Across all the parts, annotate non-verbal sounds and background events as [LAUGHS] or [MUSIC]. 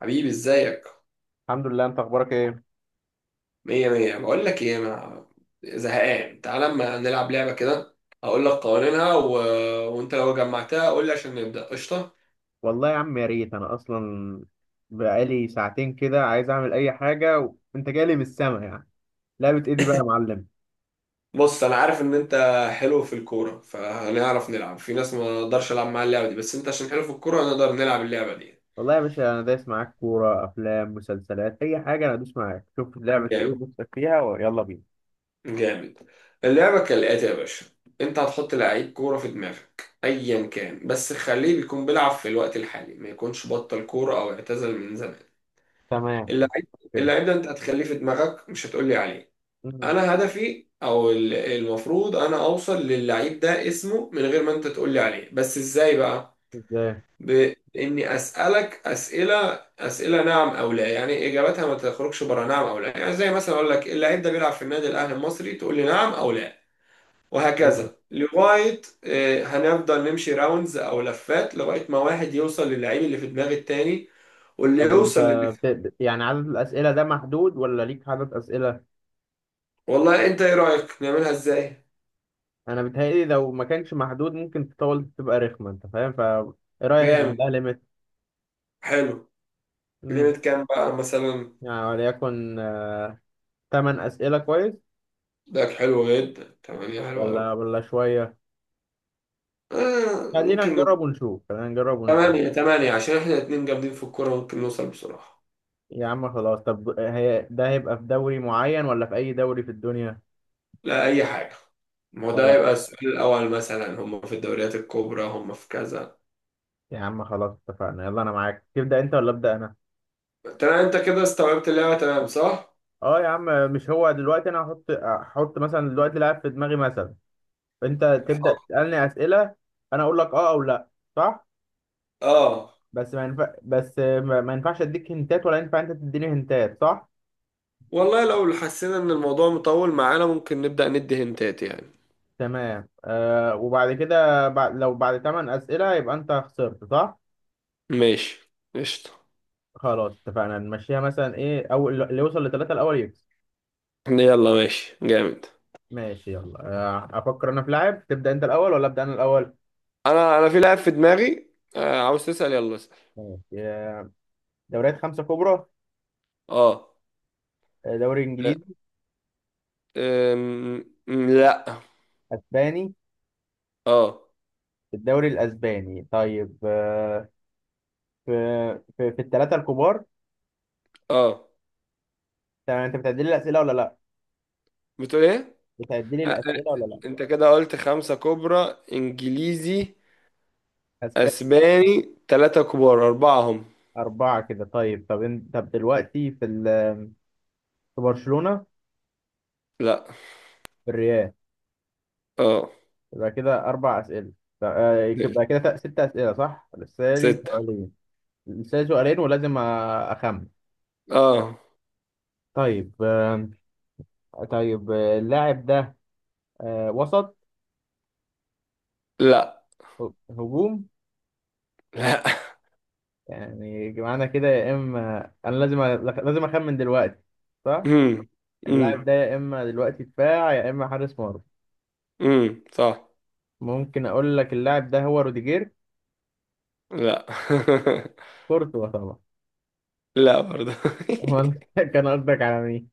حبيبي ازيك. الحمد لله. انت اخبارك ايه؟ مية مية. بقول لك ايه، انا زهقان، تعال اما نلعب لعبة كده. هقول لك قوانينها وانت لو جمعتها قول لي عشان نبدأ، قشطة. والله يا عم، يا ريت انا اصلا بقالي ساعتين كده عايز اعمل اي حاجه وانت جالي من السما يعني. لعبه ايه دي بقى يا معلم؟ بص انا عارف ان انت حلو في الكورة فهنعرف نلعب في ناس ما اقدرش العب معاها اللعبة دي، بس انت عشان حلو في الكورة هنقدر نلعب اللعبة دي. والله يا باشا، انا دايس معاك كوره، افلام، مسلسلات، اي حاجه. انا ادوس معاك. شوف لعبه ايه جامد نفسك فيها ويلا بينا. جامد. اللعبة كالآتي يا باشا، انت هتحط لعيب كورة في دماغك ايا كان، بس خليه بيكون بيلعب في الوقت الحالي، ما يكونش بطل كورة او اعتزل من زمان. تمام. اللعيب. كده. اللعيب ده انت هتخليه في دماغك، مش هتقولي عليه. مم. انا هدفي المفروض انا اوصل للعيب ده اسمه من غير ما انت تقولي عليه، بس ازاي بقى؟ ازاي؟ باني اسالك اسئله، اسئله نعم او لا، يعني اجابتها ما تخرجش بره نعم او لا، يعني زي مثلا اقول لك اللعيب ده بيلعب في النادي الاهلي المصري، تقول لي نعم او لا. مم. وهكذا لغايه هنفضل نمشي راوندز او لفات لغايه ما واحد يوصل للعيب اللي في دماغ التاني. واللي طب وانت يوصل. يعني عدد الاسئله ده محدود ولا ليك عدد اسئله؟ والله انت ايه رأيك نعملها ازاي؟ انا بيتهيألي لو ما كانش محدود ممكن تطول تبقى رخمه، انت فاهم؟ ف ايه رايك نعمل جامد، لها ليميت. حلو. كلمة كام بقى مثلا؟ يعني وليكن تمن أسئلة كويس. ده حلو جدا، تمانية حلو ولا قوي. ولا شوية. آه خلينا ممكن من نجرب ونشوف، خلينا نجرب ونشوف. تمانية. تمانية عشان احنا اتنين جامدين في الكورة ممكن نوصل بسرعة. يا عم خلاص، طب هي ده هيبقى في دوري معين ولا في أي دوري في الدنيا؟ لا، أي حاجة. ما هو ده ولا. يبقى السؤال الأول مثلا، هم في الدوريات الكبرى، هم في كذا. يا عم خلاص اتفقنا، يلا أنا معاك. تبدأ أنت ولا أبدأ أنا؟ تمام انت كده استوعبت اللعبة تمام، صح؟ أه يا عم. مش هو دلوقتي أنا هحط مثلا دلوقتي لاعب في دماغي مثلا. أنت تبدأ حاضر. تسألني أسئلة. أنا أقول لك أه أو لأ. صح؟ اه بس ما ينفعش أديك هنتات، ولا ينفع أنت تديني هنتات، صح؟ والله لو حسينا ان الموضوع مطول معانا ممكن نبدأ ندي هنتات يعني. تمام. وبعد كده لو بعد 8 أسئلة يبقى أنت خسرت، صح؟ ماشي قشطة. خلاص اتفقنا نمشيها. مثلا إيه؟ أول اللي يوصل لثلاثة الأول يكسب. يلا ماشي جامد. ماشي يلا. أفكر أنا في لاعب. تبدأ أنت الأول ولا أبدأ أنا الأول؟ انا في لاعب في دماغي. عاوز تسأل يلا اسأل. ماشي. آه دوريات خمسة كبرى. اه. دوري لا. إنجليزي. لا. أسباني. اه. الدوري الأسباني. طيب في في الثلاثة الكبار. اه. تمام. أنت بتعدي لي الأسئلة ولا لأ؟ بتقول ايه؟ بتعدي لي آه، آه، الأسئلة ولا لأ؟ انت كده قلت خمسة كبرى، انجليزي، أسباني. اسباني، ثلاثة كبار، اربعة هم. أربعة كده. طيب طب أنت طب دلوقتي في برشلونة. لا. في الريال. اه. يبقى كده أربع أسئلة. يبقى كده ست أسئلة، صح؟ لسه لي ستة. سؤالين. لسه لي سؤالين ولازم أخمن. اه. طيب طيب. اللاعب ده وسط. لا. هجوم. لا [LAUGHS] يعني معنى كده يا إما أنا لازم لازم أخمن دلوقتي، صح؟ امم. امم. اللاعب ده يا إما دلوقتي دفاع يا إما حارس مرمى. صح. ممكن أقول لك اللاعب ده هو روديجير. لا [LAUGHS] كورتوا طبعا. لا برضه. [LAUGHS] أمال كان قصدك على مين؟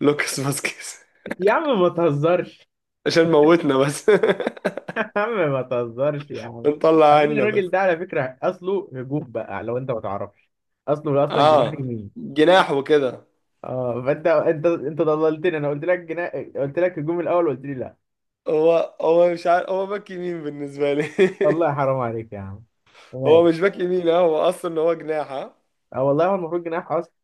[LAUGHS] لوكاس فاسكيز. يا عم ما تهزرش. عشان موتنا بس [LAUGHS] [LAUGHS] يا عم ما تهزرش يا عم. نطلع بعدين عنا الراجل بس. ده على فكرة أصله هجوم بقى لو أنت ما تعرفش. أصله أصلا جناح اه، يمين. جناح وكده. أه فأنت أنت أنت ضللتني. أنا قلت لك جناح، قلت لك هجوم الأول وقلت لي لا. هو مش عارف، هو باك يمين بالنسبة لي. والله حرام عليك يا عم. [LAUGHS] هو ماشي. مش باك يمين، هو اصلا هو جناح اه. أه والله هو المفروض جناح أصلا.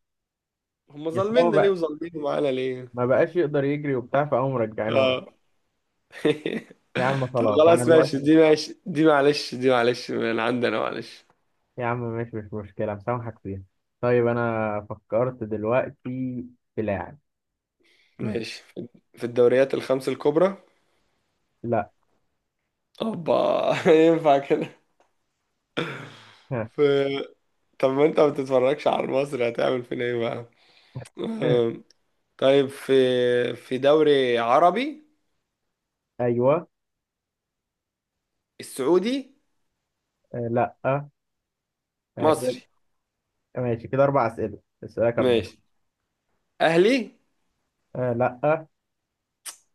هم بس هو ظالميننا ليه بقى وظالمين معانا ليه؟ ما بقاش يقدر يجري وبتاع فقاموا مرجعينه ورا. اه [LAUGHS] يا عم طب خلاص أنا خلاص ماشي، دلوقتي. دي ماشي، دي معلش، دي معلش من عندنا، معلش. يا عم ماشي، مش مشكلة، مسامحك فيها. طيب أنا فكرت دلوقتي في لاعب. هم. ماشي. في الدوريات الخمس الكبرى. لا. اوبا [LAUGHS] ينفع كده؟ ها؟ في. طب ما انت ما بتتفرجش على المصري، هتعمل فينا ايه بقى؟ ها؟ آه، طيب في دوري عربي، أيوه. السعودي، آه، لا. آه. مصري. ماشي كده أربع أسئلة. أسألك أربعة. ماشي، اهلي، آه لأ.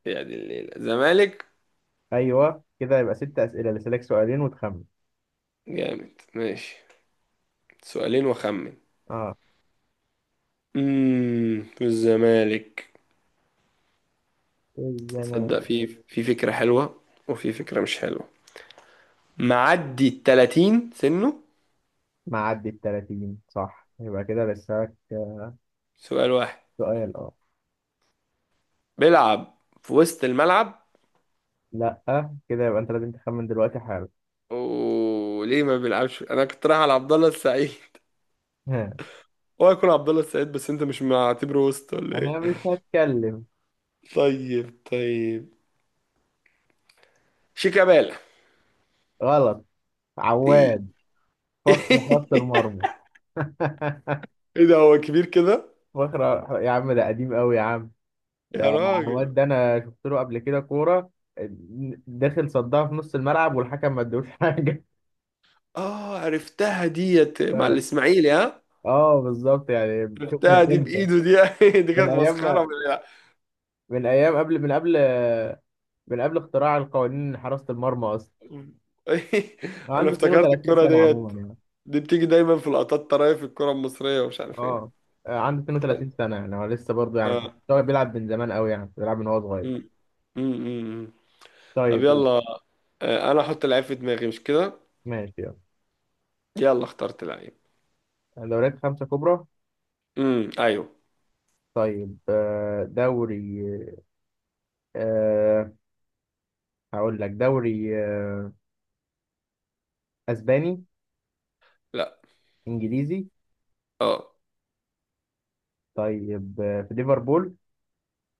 يعني الليلة زمالك. أيوه كده يبقى ست أسئلة. لسه لك سؤالين وتخمن. جامد ماشي. سؤالين وخمن. أه. في الزمالك. الزمان. تصدق، في فكرة حلوة، وفي فكرة مش حلوة. معدي ال 30 سنه. معدي التلاتين، صح؟ يبقى كده لسه لك سؤال واحد. سؤال. أه. بيلعب في وسط الملعب. لأ. كده يبقى أنت لازم تخمن دلوقتي حالا. وليه ما بيلعبش؟ انا كنت رايح على عبد الله السعيد [LAUGHS] ها؟ هو يكون عبد الله السعيد، بس انت مش معتبره وسط ولا أنا ايه؟ مش هتكلم. طيب طيب. شيكابالا. غلط. ايه؟ عواد. فخر خط [LAUGHS] المرمى. [LAUGHS] ايه ده، هو كبير كده؟ فخر. يا عم ده قديم أوي يا عم. ده. يا عواد راجل. ده أنا شفت له قبل كده كورة آه، داخل صدها في نص الملعب والحكم ما ادوش حاجة. اه عرفتها ديت مع [LAUGHS] الاسماعيلي ها. اه بالظبط، يعني شوف عرفتها من دي امتى. بايده دي [LAUGHS] دي من كانت مسخره ايام. من ايام قبل، من قبل. من قبل اختراع القوانين حراسة المرمى اصلا. [LAUGHS] هو انا عنده افتكرت 32 الكره سنة ديت. عموما يعني. دي بتيجي دايما في لقطات طرايف الكره المصريه ومش عارف ايه. اه. عنده 32 سنة، يعني هو لسه برضه، يعني اه. هو بيلعب من زمان قوي، يعني بيلعب من هو صغير. أمم. أمم. أمم. طب طيب. يلا. انا احط لعيب في دماغي، مش كده؟ ماشي يلا. يلا اخترت لعيب. دوريات خمسة كبرى. ايوه. طيب دوري. أه. هقول لك دوري اسباني. لا. انجليزي. اه. طيب في ليفربول.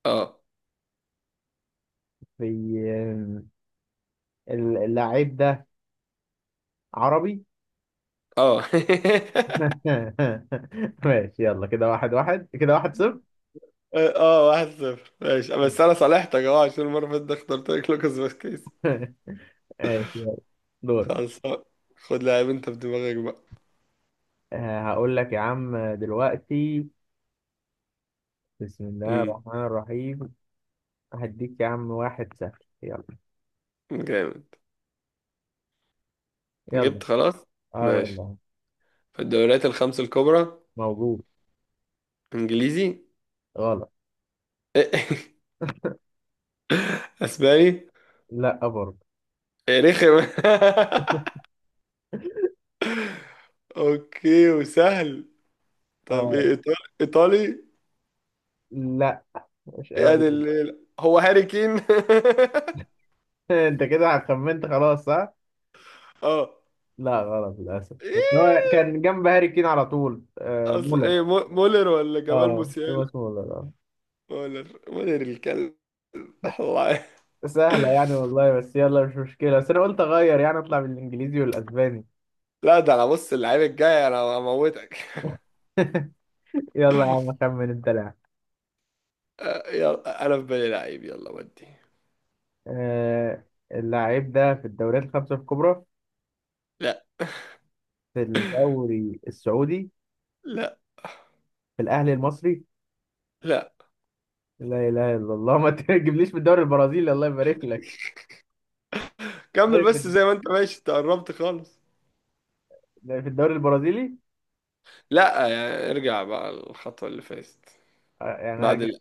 اه. في اللاعب ده عربي. اه [LAUGHS] [LAUGHS] ماشي يلا. كده واحد واحد، كده واحد صفر. اه، واحد صفر ماشي، [LAUGHS] مم. بس انا صالحتك اه عشان المره اللي فاتت اخترت لك لوكاس فاسكيز. ماشي يلا. دور. خلاص. خد لاعب انت في دماغك بقى. هقول لك يا عم دلوقتي. بسم الله امم الرحمن الرحيم. هديك يا عم واحد سهل. يلا. جامد. يلا. جبت خلاص. اه ماشي. يلا. في الدوريات الخمس الكبرى. موجود. انجليزي. غلط. [LAUGHS] اسباني. لا برضه. إيه رخم [LAUGHS] اوكي وسهل. طب اه. ايه، ايطالي ايطالي. لا مش قوي. [LAUGHS] هو هاري كين؟ [LAUGHS] انت كده خمنت خلاص، صح؟ اه. لا غلط للاسف، بس هو ايه؟ كان جنب هاري كين على طول. اصل مولر. ايه، مولر ولا جمال اه موسيالا؟ توماس مولر. اه. مولر مولر الكلب [LAUGHS] الله. سهلة يعني والله، بس يلا مش مشكلة، بس أنا قلت أغير يعني أطلع بالإنجليزي والأسباني. لا، ده انا بص، اللعيب الجاي انا هموتك [LAUGHS] يلا يا [LAUGHS] عم أخمن أنت لاعب. يلا انا في بالي لعيب، يلا ودي. آه. اللاعب ده في الدوريات الخمسة الكبرى. لا في الدوري السعودي. لا في الأهلي المصري. لا. لا إله إلا الله. [LAUGHS] ما تجيبليش في الدوري البرازيلي الله يبارك لك. كمل بس طيب. زي ما انت ماشي، انت قربت خالص. في الدوري البرازيلي. لا، يعني ارجع بقى الخطوة اللي فاتت. يعني بعد هرجع. ال...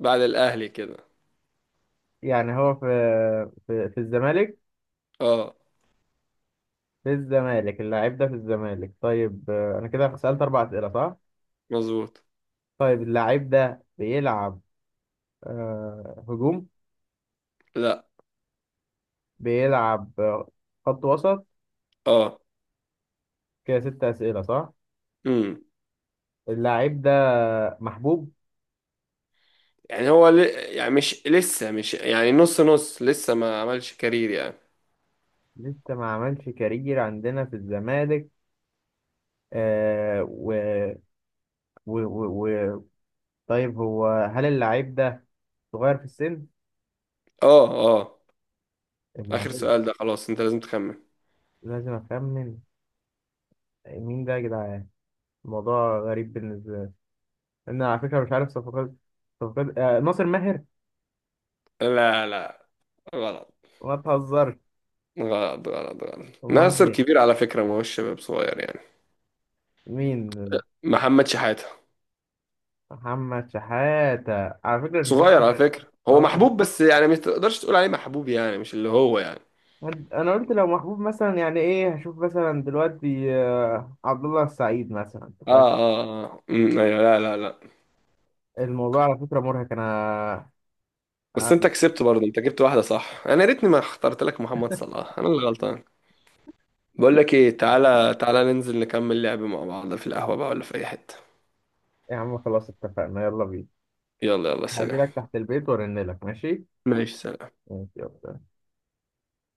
بعد الاهلي كده. يعني هو في الزمالك. اه في الزمالك. اللاعب ده في الزمالك. طيب أنا كده سألت أربع أسئلة، صح؟ مظبوط. طيب اللاعب ده بيلعب هجوم. لا. بيلعب خط وسط. اه. كده ست أسئلة، صح؟ امم اللاعب ده محبوب. يعني هو ل... يعني مش لسه، مش يعني نص نص، لسه ما عملش كارير يعني. لسه ما عملش كارير عندنا في الزمالك. آه و... و... و... و... طيب هو هل اللاعب ده صغير في السن؟ اه. اه. اللاعب اخر ده. سؤال ده خلاص، انت لازم تخمن. لازم أخمن. مين ده يا جدعان؟ الموضوع غريب بالنسبة لي. أنا على فكرة مش عارف صفقات. صفقات ناصر ماهر. لا. لا. غلط ما تهزرش. غلط غلط غلط. أمال ناصر مين؟ كبير على فكرة، ما هوش شباب صغير يعني. مين؟ محمد شحاتة. محمد شحاتة. على فكرة صغير على فكرة، هو اه. محبوب بس يعني ما تقدرش تقول عليه محبوب، يعني مش اللي هو يعني. انا قلت لو محبوب مثلا، يعني ايه هشوف مثلا دلوقتي عبد الله السعيد مثلا، انت فاهم؟ اه اه اه ايوه. لا لا لا. الموضوع على فكره مرهق انا. بس انت أنا- كسبت برضه، انت جبت واحدة صح، انا يا ريتني ما اخترت لك محمد صلاح، انا اللي غلطان. بقول لك ايه، تعالى تعالى ننزل نكمل لعب مع بعض في القهوة بقى، ولا في اي حتة. يا عم خلاص اتفقنا يلا بينا. يلا يلا هاجي سلام. لك تحت البيت وارن لك، ماشي؟ ماشي سلام. ماشي يلا.